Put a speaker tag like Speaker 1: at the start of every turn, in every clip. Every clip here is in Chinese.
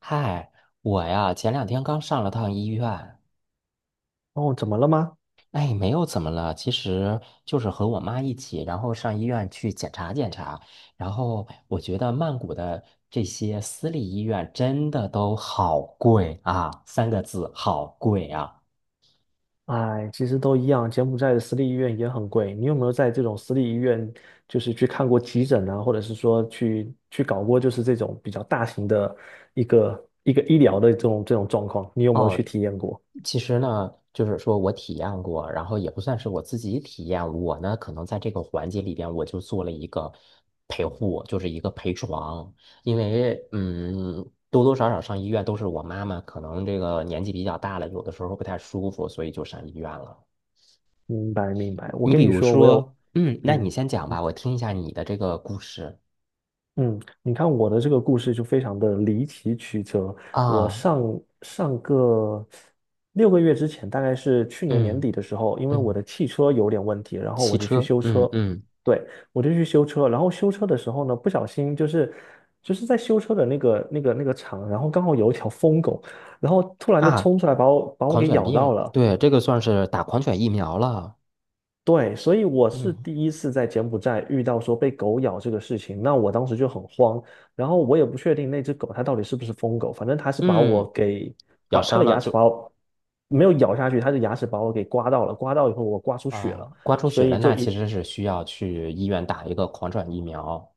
Speaker 1: 嗨，我呀，前两天刚上了趟医院，
Speaker 2: 哦，怎么了吗？
Speaker 1: 哎，没有怎么了，其实就是和我妈一起，然后上医院去检查检查，然后我觉得曼谷的这些私立医院真的都好贵啊，三个字，好贵啊。
Speaker 2: 哎，其实都一样，柬埔寨的私立医院也很贵。你有没有在这种私立医院，就是去看过急诊啊，或者是说去搞过，就是这种比较大型的一个医疗的这种状况？你有没有去
Speaker 1: 哦，
Speaker 2: 体验过？
Speaker 1: 其实呢，就是说我体验过，然后也不算是我自己体验，我呢可能在这个环节里边，我就做了一个陪护，就是一个陪床，因为多多少少上医院都是我妈妈，可能这个年纪比较大了，有的时候不太舒服，所以就上医院了。
Speaker 2: 明白，明白。我
Speaker 1: 你
Speaker 2: 跟
Speaker 1: 比
Speaker 2: 你
Speaker 1: 如
Speaker 2: 说，我有，
Speaker 1: 说，那你
Speaker 2: 嗯。
Speaker 1: 先讲吧，我听一下你的这个故事
Speaker 2: 嗯，你看我的这个故事就非常的离奇曲折。我
Speaker 1: 啊，
Speaker 2: 上上个6个月之前，大概是去年年
Speaker 1: 嗯
Speaker 2: 底的时候，因为我
Speaker 1: 嗯，
Speaker 2: 的汽车有点问题，然后
Speaker 1: 骑
Speaker 2: 我就去
Speaker 1: 车，
Speaker 2: 修
Speaker 1: 嗯
Speaker 2: 车。
Speaker 1: 嗯
Speaker 2: 对，我就去修车，然后修车的时候呢，不小心就是在修车的那个厂，然后刚好有一条疯狗，然后突然就
Speaker 1: 啊，
Speaker 2: 冲出来把我
Speaker 1: 狂
Speaker 2: 给
Speaker 1: 犬
Speaker 2: 咬到
Speaker 1: 病，
Speaker 2: 了。
Speaker 1: 对，这个算是打狂犬疫苗了。
Speaker 2: 对，所以我是
Speaker 1: 嗯
Speaker 2: 第一次在柬埔寨遇到说被狗咬这个事情，那我当时就很慌，然后我也不确定那只狗它到底是不是疯狗，反正它是把
Speaker 1: 嗯，
Speaker 2: 我给
Speaker 1: 咬
Speaker 2: 把它
Speaker 1: 伤
Speaker 2: 的
Speaker 1: 了
Speaker 2: 牙齿
Speaker 1: 就
Speaker 2: 把我没有咬下去，它的牙齿把我给刮到了，刮到以后我刮出血了，
Speaker 1: 啊，刮出
Speaker 2: 所
Speaker 1: 血
Speaker 2: 以
Speaker 1: 了，那
Speaker 2: 就
Speaker 1: 其
Speaker 2: 一
Speaker 1: 实是需要去医院打一个狂犬疫苗。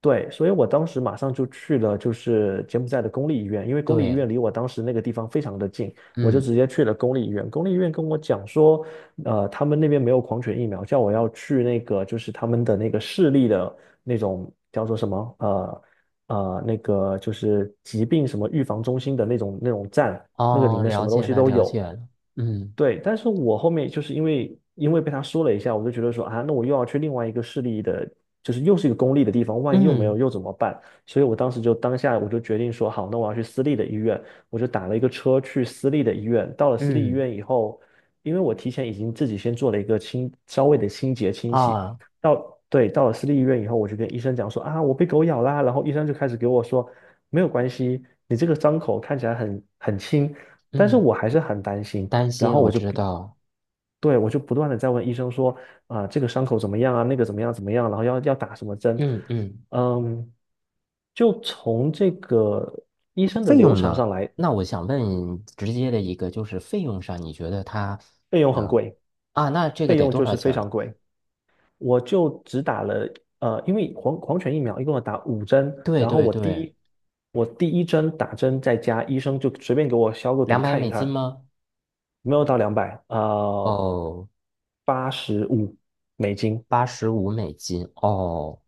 Speaker 2: 对，所以我当时马上就去了，就是柬埔寨的公立医院，因为公立医
Speaker 1: 对，
Speaker 2: 院离我当时那个地方非常的近，我就
Speaker 1: 嗯，
Speaker 2: 直接去了公立医院。公立医院跟我讲说，他们那边没有狂犬疫苗，叫我要去那个就是他们的那个市立的那种叫做什么那个就是疾病什么预防中心的那种站，那个里
Speaker 1: 哦，
Speaker 2: 面什
Speaker 1: 了
Speaker 2: 么东
Speaker 1: 解
Speaker 2: 西
Speaker 1: 了，
Speaker 2: 都
Speaker 1: 了
Speaker 2: 有。
Speaker 1: 解了，嗯
Speaker 2: 对，但是我后面就是因为被他说了一下，我就觉得说啊，那我又要去另外一个市立的，就是又是一个公立的地方，万一又没有
Speaker 1: 嗯
Speaker 2: 又怎么办？所以我当时就当下我就决定说好，那我要去私立的医院，我就打了一个车去私立的医院。到了私立医
Speaker 1: 嗯
Speaker 2: 院以后，因为我提前已经自己先做了一个稍微的清洁清洗，
Speaker 1: 啊，
Speaker 2: 对，到了私立医院以后，我就跟医生讲说啊，我被狗咬啦，然后医生就开始给我说没有关系，你这个伤口看起来很轻，但是
Speaker 1: 嗯，
Speaker 2: 我还是很担心。
Speaker 1: 担
Speaker 2: 然
Speaker 1: 心
Speaker 2: 后
Speaker 1: 我
Speaker 2: 我就
Speaker 1: 知
Speaker 2: 不，
Speaker 1: 道，
Speaker 2: 对，我就不断的在问医生说，啊、这个伤口怎么样啊？那个怎么样怎么样？然后要打什么针？
Speaker 1: 嗯嗯，
Speaker 2: 嗯，就从这个医生的
Speaker 1: 费
Speaker 2: 流
Speaker 1: 用
Speaker 2: 程
Speaker 1: 呢？
Speaker 2: 上来，
Speaker 1: 那我想问直接的一个，就是费用上，你觉得它，
Speaker 2: 费用很
Speaker 1: 嗯
Speaker 2: 贵，
Speaker 1: 啊，那这个
Speaker 2: 费
Speaker 1: 得
Speaker 2: 用
Speaker 1: 多
Speaker 2: 就
Speaker 1: 少
Speaker 2: 是非
Speaker 1: 钱
Speaker 2: 常
Speaker 1: 了？
Speaker 2: 贵。我就只打了，因为犬疫苗一共要打五针，
Speaker 1: 对
Speaker 2: 然后
Speaker 1: 对对，
Speaker 2: 我第一针打针在家，医生就随便给我消个毒
Speaker 1: 两百
Speaker 2: 看
Speaker 1: 美
Speaker 2: 一
Speaker 1: 金
Speaker 2: 看，
Speaker 1: 吗？
Speaker 2: 没有到200，
Speaker 1: 哦，
Speaker 2: 八十五美金，
Speaker 1: $85，哦，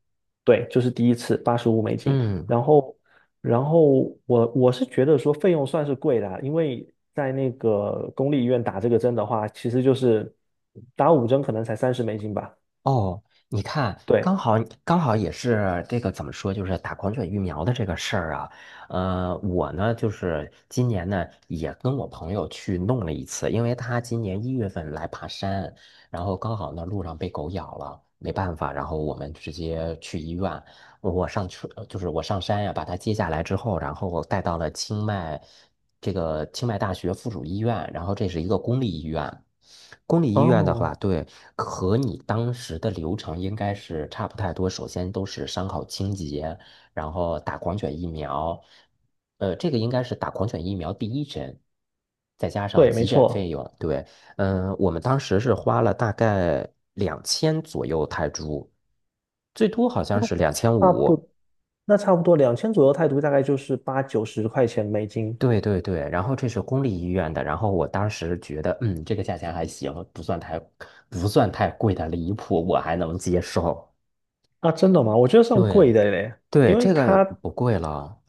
Speaker 2: 对，就是第一次八十五美金，
Speaker 1: 嗯。
Speaker 2: 然后，然后我是觉得说费用算是贵的啊因为在那个公立医院打这个针的话，其实就是打五针可能才三十美金吧。
Speaker 1: 哦，你看，刚
Speaker 2: 对，
Speaker 1: 好刚好也是这个怎么说，就是打狂犬疫苗的这个事儿啊。我呢，就是今年呢也跟我朋友去弄了一次，因为他今年1月份来爬山，然后刚好呢路上被狗咬了，没办法，然后我们直接去医院。我上车，就是我上山呀、把他接下来之后，然后带到了清迈这个清迈大学附属医院，然后这是一个公立医院。公立医院的
Speaker 2: 哦，
Speaker 1: 话，对，和你当时的流程应该是差不太多。首先都是伤口清洁，然后打狂犬疫苗，这个应该是打狂犬疫苗第一针，再加上
Speaker 2: 对，没
Speaker 1: 急诊
Speaker 2: 错，
Speaker 1: 费用，对。我们当时是花了大概两千左右泰铢，最多好像是两千
Speaker 2: 差
Speaker 1: 五。
Speaker 2: 不，那差不多2,000左右泰铢，大概就是八九十块钱美金。
Speaker 1: 对对对，然后这是公立医院的，然后我当时觉得，这个价钱还行，不算太贵的离谱，我还能接受。
Speaker 2: 啊，真的吗？我觉得算贵
Speaker 1: 对
Speaker 2: 的嘞，因
Speaker 1: 对，
Speaker 2: 为
Speaker 1: 这个
Speaker 2: 它
Speaker 1: 不贵了。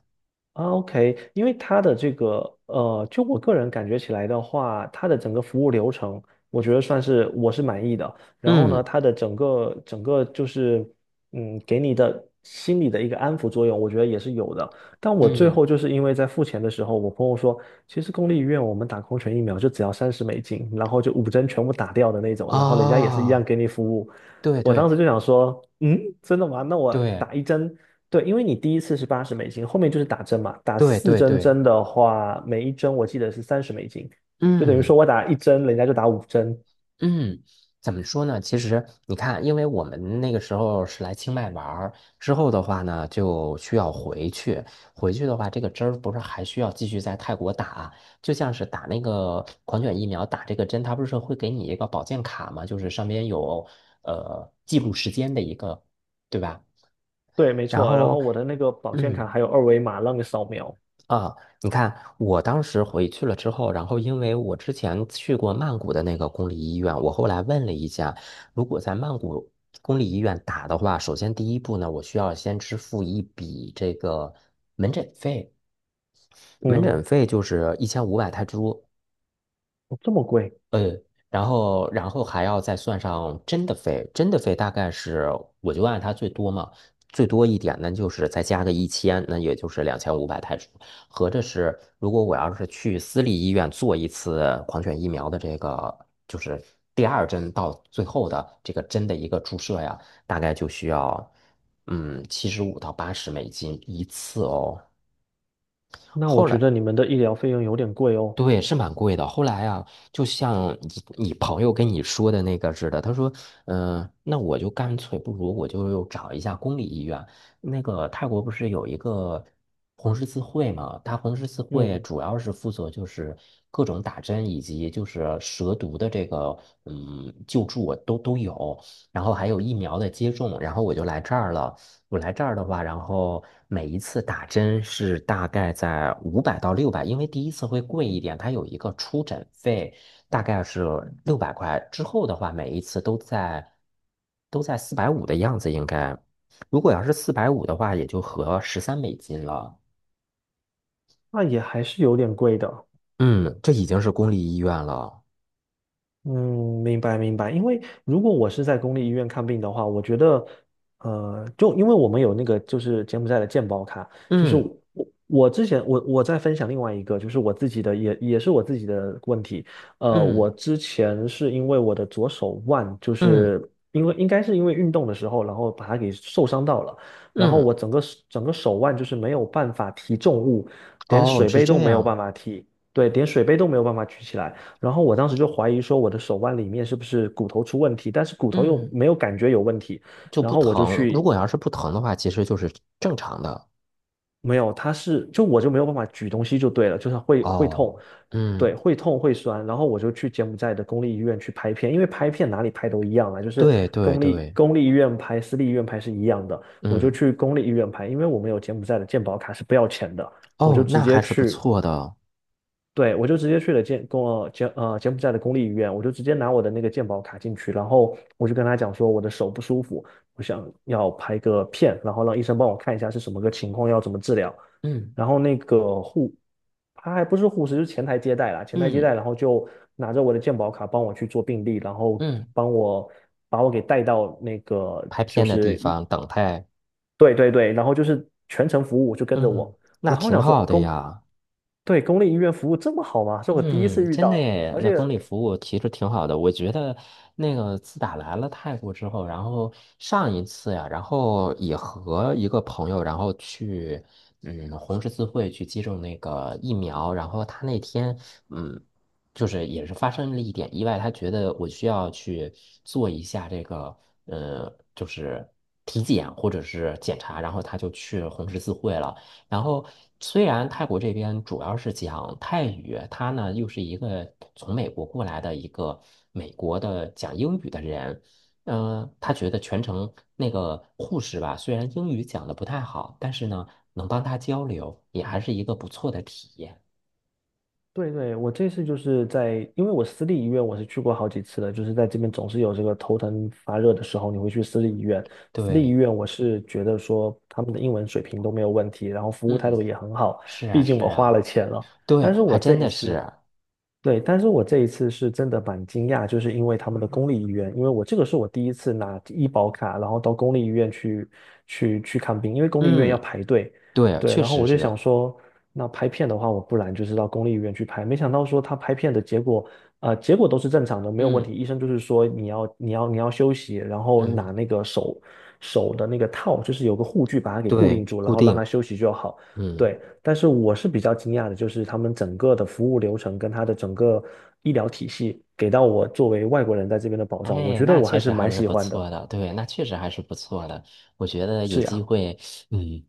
Speaker 2: 啊，OK,因为它的这个就我个人感觉起来的话，它的整个服务流程，我觉得算是我是满意的。然后呢，
Speaker 1: 嗯
Speaker 2: 它的整个就是，给你的心理的一个安抚作用，我觉得也是有的。但我最
Speaker 1: 嗯
Speaker 2: 后就是因为在付钱的时候，我朋友说，其实公立医院我们打狂犬疫苗就只要三十美金，然后就五针全部打掉的那种，然后人家也是一样
Speaker 1: 啊，
Speaker 2: 给你服务。
Speaker 1: 对
Speaker 2: 我当
Speaker 1: 对
Speaker 2: 时就想说，真的吗？那我
Speaker 1: 对
Speaker 2: 打一针。对，因为你第一次是$80，后面就是打针嘛。打
Speaker 1: 对
Speaker 2: 四
Speaker 1: 对
Speaker 2: 针
Speaker 1: 对，
Speaker 2: 针的话，每一针我记得是三十美金，就等于
Speaker 1: 嗯。
Speaker 2: 说我打一针，人家就打五针。
Speaker 1: 嗯，怎么说呢？其实你看，因为我们那个时候是来清迈玩儿，之后的话呢，就需要回去。回去的话，这个针儿不是还需要继续在泰国打，就像是打那个狂犬疫苗，打这个针，它不是会给你一个保健卡嘛，就是上面有记录时间的一个，对吧？
Speaker 2: 对，没
Speaker 1: 然
Speaker 2: 错。然后
Speaker 1: 后，
Speaker 2: 我的那个保健卡
Speaker 1: 嗯。
Speaker 2: 还有二维码让你扫描。
Speaker 1: 啊，你看，我当时回去了之后，然后因为我之前去过曼谷的那个公立医院，我后来问了一下，如果在曼谷公立医院打的话，首先第一步呢，我需要先支付一笔这个门诊费，门
Speaker 2: 嗯，
Speaker 1: 诊费就是1500泰铢，
Speaker 2: 哦这么贵？
Speaker 1: 呃，然后还要再算上真的费大概是我就按它最多嘛，最多一点呢就是再加个一千，那也就是2500泰铢，合着是如果我要是去私立医院做一次狂犬疫苗的这个就是第二针到最后的这个针的一个注射呀，大概就需要75到80美金一次哦。
Speaker 2: 那我
Speaker 1: 后
Speaker 2: 觉
Speaker 1: 来。
Speaker 2: 得你们的医疗费用有点贵哦。
Speaker 1: 对，是蛮贵的。后来啊，就像你你朋友跟你说的那个似的，他说，那我就干脆不如我就找一下公立医院。那个泰国不是有一个红十字会嘛？它红十字会
Speaker 2: 嗯，
Speaker 1: 主要是负责就是各种打针以及就是蛇毒的这个救助都有，然后还有疫苗的接种。然后我就来这儿了。我来这儿的话，然后每一次打针是大概在500到600，因为第一次会贵一点，它有一个出诊费，大概是600块。之后的话，每一次都在四百五的样子，应该。如果要是四百五的话，也就合$13了。
Speaker 2: 那也还是有点贵的。
Speaker 1: 嗯，这已经是公立医院了。
Speaker 2: 嗯，明白明白。因为如果我是在公立医院看病的话，我觉得，就因为我们有那个就是柬埔寨的健保卡，就是
Speaker 1: 嗯
Speaker 2: 我之前我在分享另外一个，就是我自己的也是我自己的问题。
Speaker 1: 嗯
Speaker 2: 我之前是因为我的左手腕，就
Speaker 1: 嗯
Speaker 2: 是因为应该是因为运动的时候，然后把它给受伤到了，然后我
Speaker 1: 嗯，
Speaker 2: 整个手腕就是没有办法提重物，连
Speaker 1: 哦，
Speaker 2: 水
Speaker 1: 是
Speaker 2: 杯都
Speaker 1: 这
Speaker 2: 没有办
Speaker 1: 样。
Speaker 2: 法提，对，连水杯都没有办法举起来。然后我当时就怀疑说我的手腕里面是不是骨头出问题，但是骨头又
Speaker 1: 嗯，
Speaker 2: 没有感觉有问题，
Speaker 1: 就
Speaker 2: 然
Speaker 1: 不
Speaker 2: 后我就
Speaker 1: 疼。如
Speaker 2: 去，
Speaker 1: 果要是不疼的话，其实就是正常的。
Speaker 2: 没有，它是，就我就没有办法举东西就对了，就是会痛，
Speaker 1: 哦。嗯。
Speaker 2: 对，会痛会酸，然后我就去柬埔寨的公立医院去拍片，因为拍片哪里拍都一样啊，就是
Speaker 1: 对对
Speaker 2: 公立
Speaker 1: 对，
Speaker 2: 公立医院拍、私立医院拍是一样的，我就
Speaker 1: 嗯，
Speaker 2: 去公立医院拍，因为我们有柬埔寨的健保卡是不要钱的，我就
Speaker 1: 哦，
Speaker 2: 直
Speaker 1: 那
Speaker 2: 接
Speaker 1: 还是不
Speaker 2: 去
Speaker 1: 错的，
Speaker 2: 对，我就直接去了柬埔寨的公立医院，我就直接拿我的那个健保卡进去，然后我就跟他讲说我的手不舒服，我想要拍个片，然后让医生帮我看一下是什么个情况，要怎么治疗。
Speaker 1: 嗯
Speaker 2: 然后那个护，他还不是护士，就是前台接待，
Speaker 1: 嗯
Speaker 2: 然后就拿着我的健保卡帮我去做病历，然后
Speaker 1: 嗯，
Speaker 2: 帮我把我给带到那个
Speaker 1: 拍
Speaker 2: 就
Speaker 1: 片的地
Speaker 2: 是
Speaker 1: 方等待，
Speaker 2: 对对对，然后就是全程服务就跟着
Speaker 1: 嗯，
Speaker 2: 我，
Speaker 1: 那
Speaker 2: 然后我
Speaker 1: 挺
Speaker 2: 想说
Speaker 1: 好的
Speaker 2: 公，
Speaker 1: 呀。
Speaker 2: 对，公立医院服务这么好吗？是我第一次
Speaker 1: 嗯，
Speaker 2: 遇
Speaker 1: 真的
Speaker 2: 到，
Speaker 1: 耶，
Speaker 2: 而
Speaker 1: 那
Speaker 2: 且
Speaker 1: 公立服务其实挺好的。我觉得那个自打来了泰国之后，然后上一次呀，然后也和一个朋友，然后去红十字会去接种那个疫苗，然后他那天嗯就是也是发生了一点意外，他觉得我需要去做一下这个就是体检或者是检查，然后他就去红十字会了。然后，虽然泰国这边主要是讲泰语，他呢又是一个从美国过来的一个美国的讲英语的人，他觉得全程那个护士吧，虽然英语讲的不太好，但是呢能帮他交流，也还是一个不错的体验。
Speaker 2: 对对，我这次就是在，因为我私立医院我是去过好几次的，就是在这边总是有这个头疼发热的时候，你会去私立医院。私立医
Speaker 1: 对，
Speaker 2: 院我是觉得说他们的英文水平都没有问题，然后服务态度
Speaker 1: 嗯，
Speaker 2: 也很好，
Speaker 1: 是啊，
Speaker 2: 毕竟
Speaker 1: 是
Speaker 2: 我花
Speaker 1: 啊，
Speaker 2: 了钱了。
Speaker 1: 对，
Speaker 2: 但是
Speaker 1: 还
Speaker 2: 我这
Speaker 1: 真
Speaker 2: 一
Speaker 1: 的
Speaker 2: 次，
Speaker 1: 是，
Speaker 2: 对，但是我这一次是真的蛮惊讶，就是因为他们的公立医院，因为我这个是我第一次拿医保卡，然后到公立医院去看病，因为公立医院要
Speaker 1: 嗯，
Speaker 2: 排队。
Speaker 1: 对，
Speaker 2: 对，
Speaker 1: 确
Speaker 2: 然后
Speaker 1: 实
Speaker 2: 我就想
Speaker 1: 是，
Speaker 2: 说，那拍片的话，我不然就是到公立医院去拍。没想到说他拍片的结果，结果都是正常的，没有问题。
Speaker 1: 嗯
Speaker 2: 医生就是说你要休息，然后
Speaker 1: 嗯，
Speaker 2: 拿那个手的那个套，就是有个护具把它给固定
Speaker 1: 对，
Speaker 2: 住，然
Speaker 1: 固
Speaker 2: 后让它
Speaker 1: 定，
Speaker 2: 休息就好。
Speaker 1: 嗯。
Speaker 2: 对，但是我是比较惊讶的，就是他们整个的服务流程跟他的整个医疗体系给到我作为外国人在这边的保障，我
Speaker 1: 哎，
Speaker 2: 觉得
Speaker 1: 那
Speaker 2: 我
Speaker 1: 确
Speaker 2: 还是
Speaker 1: 实还
Speaker 2: 蛮
Speaker 1: 是
Speaker 2: 喜
Speaker 1: 不
Speaker 2: 欢的。
Speaker 1: 错的，对，那确实还是不错的。我觉得有
Speaker 2: 是呀，
Speaker 1: 机会，嗯，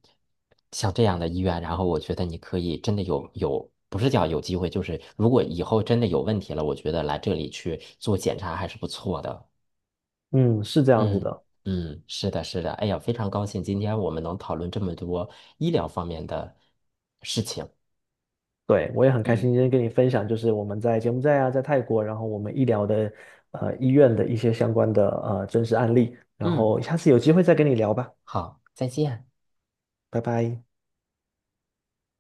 Speaker 1: 像这样的医院，然后我觉得你可以真的有，不是叫有机会，就是如果以后真的有问题了，我觉得来这里去做检查还是不错的。
Speaker 2: 嗯，是这样子
Speaker 1: 嗯
Speaker 2: 的。
Speaker 1: 嗯，是的，是的。哎呀，非常高兴今天我们能讨论这么多医疗方面的事情。
Speaker 2: 对，我也很开
Speaker 1: 嗯
Speaker 2: 心今天跟你分享，就是我们在柬埔寨啊，在泰国，然后我们医疗的医院的一些相关的真实案例，然
Speaker 1: 嗯，
Speaker 2: 后下次有机会再跟你聊吧，
Speaker 1: 好，再见。
Speaker 2: 拜拜。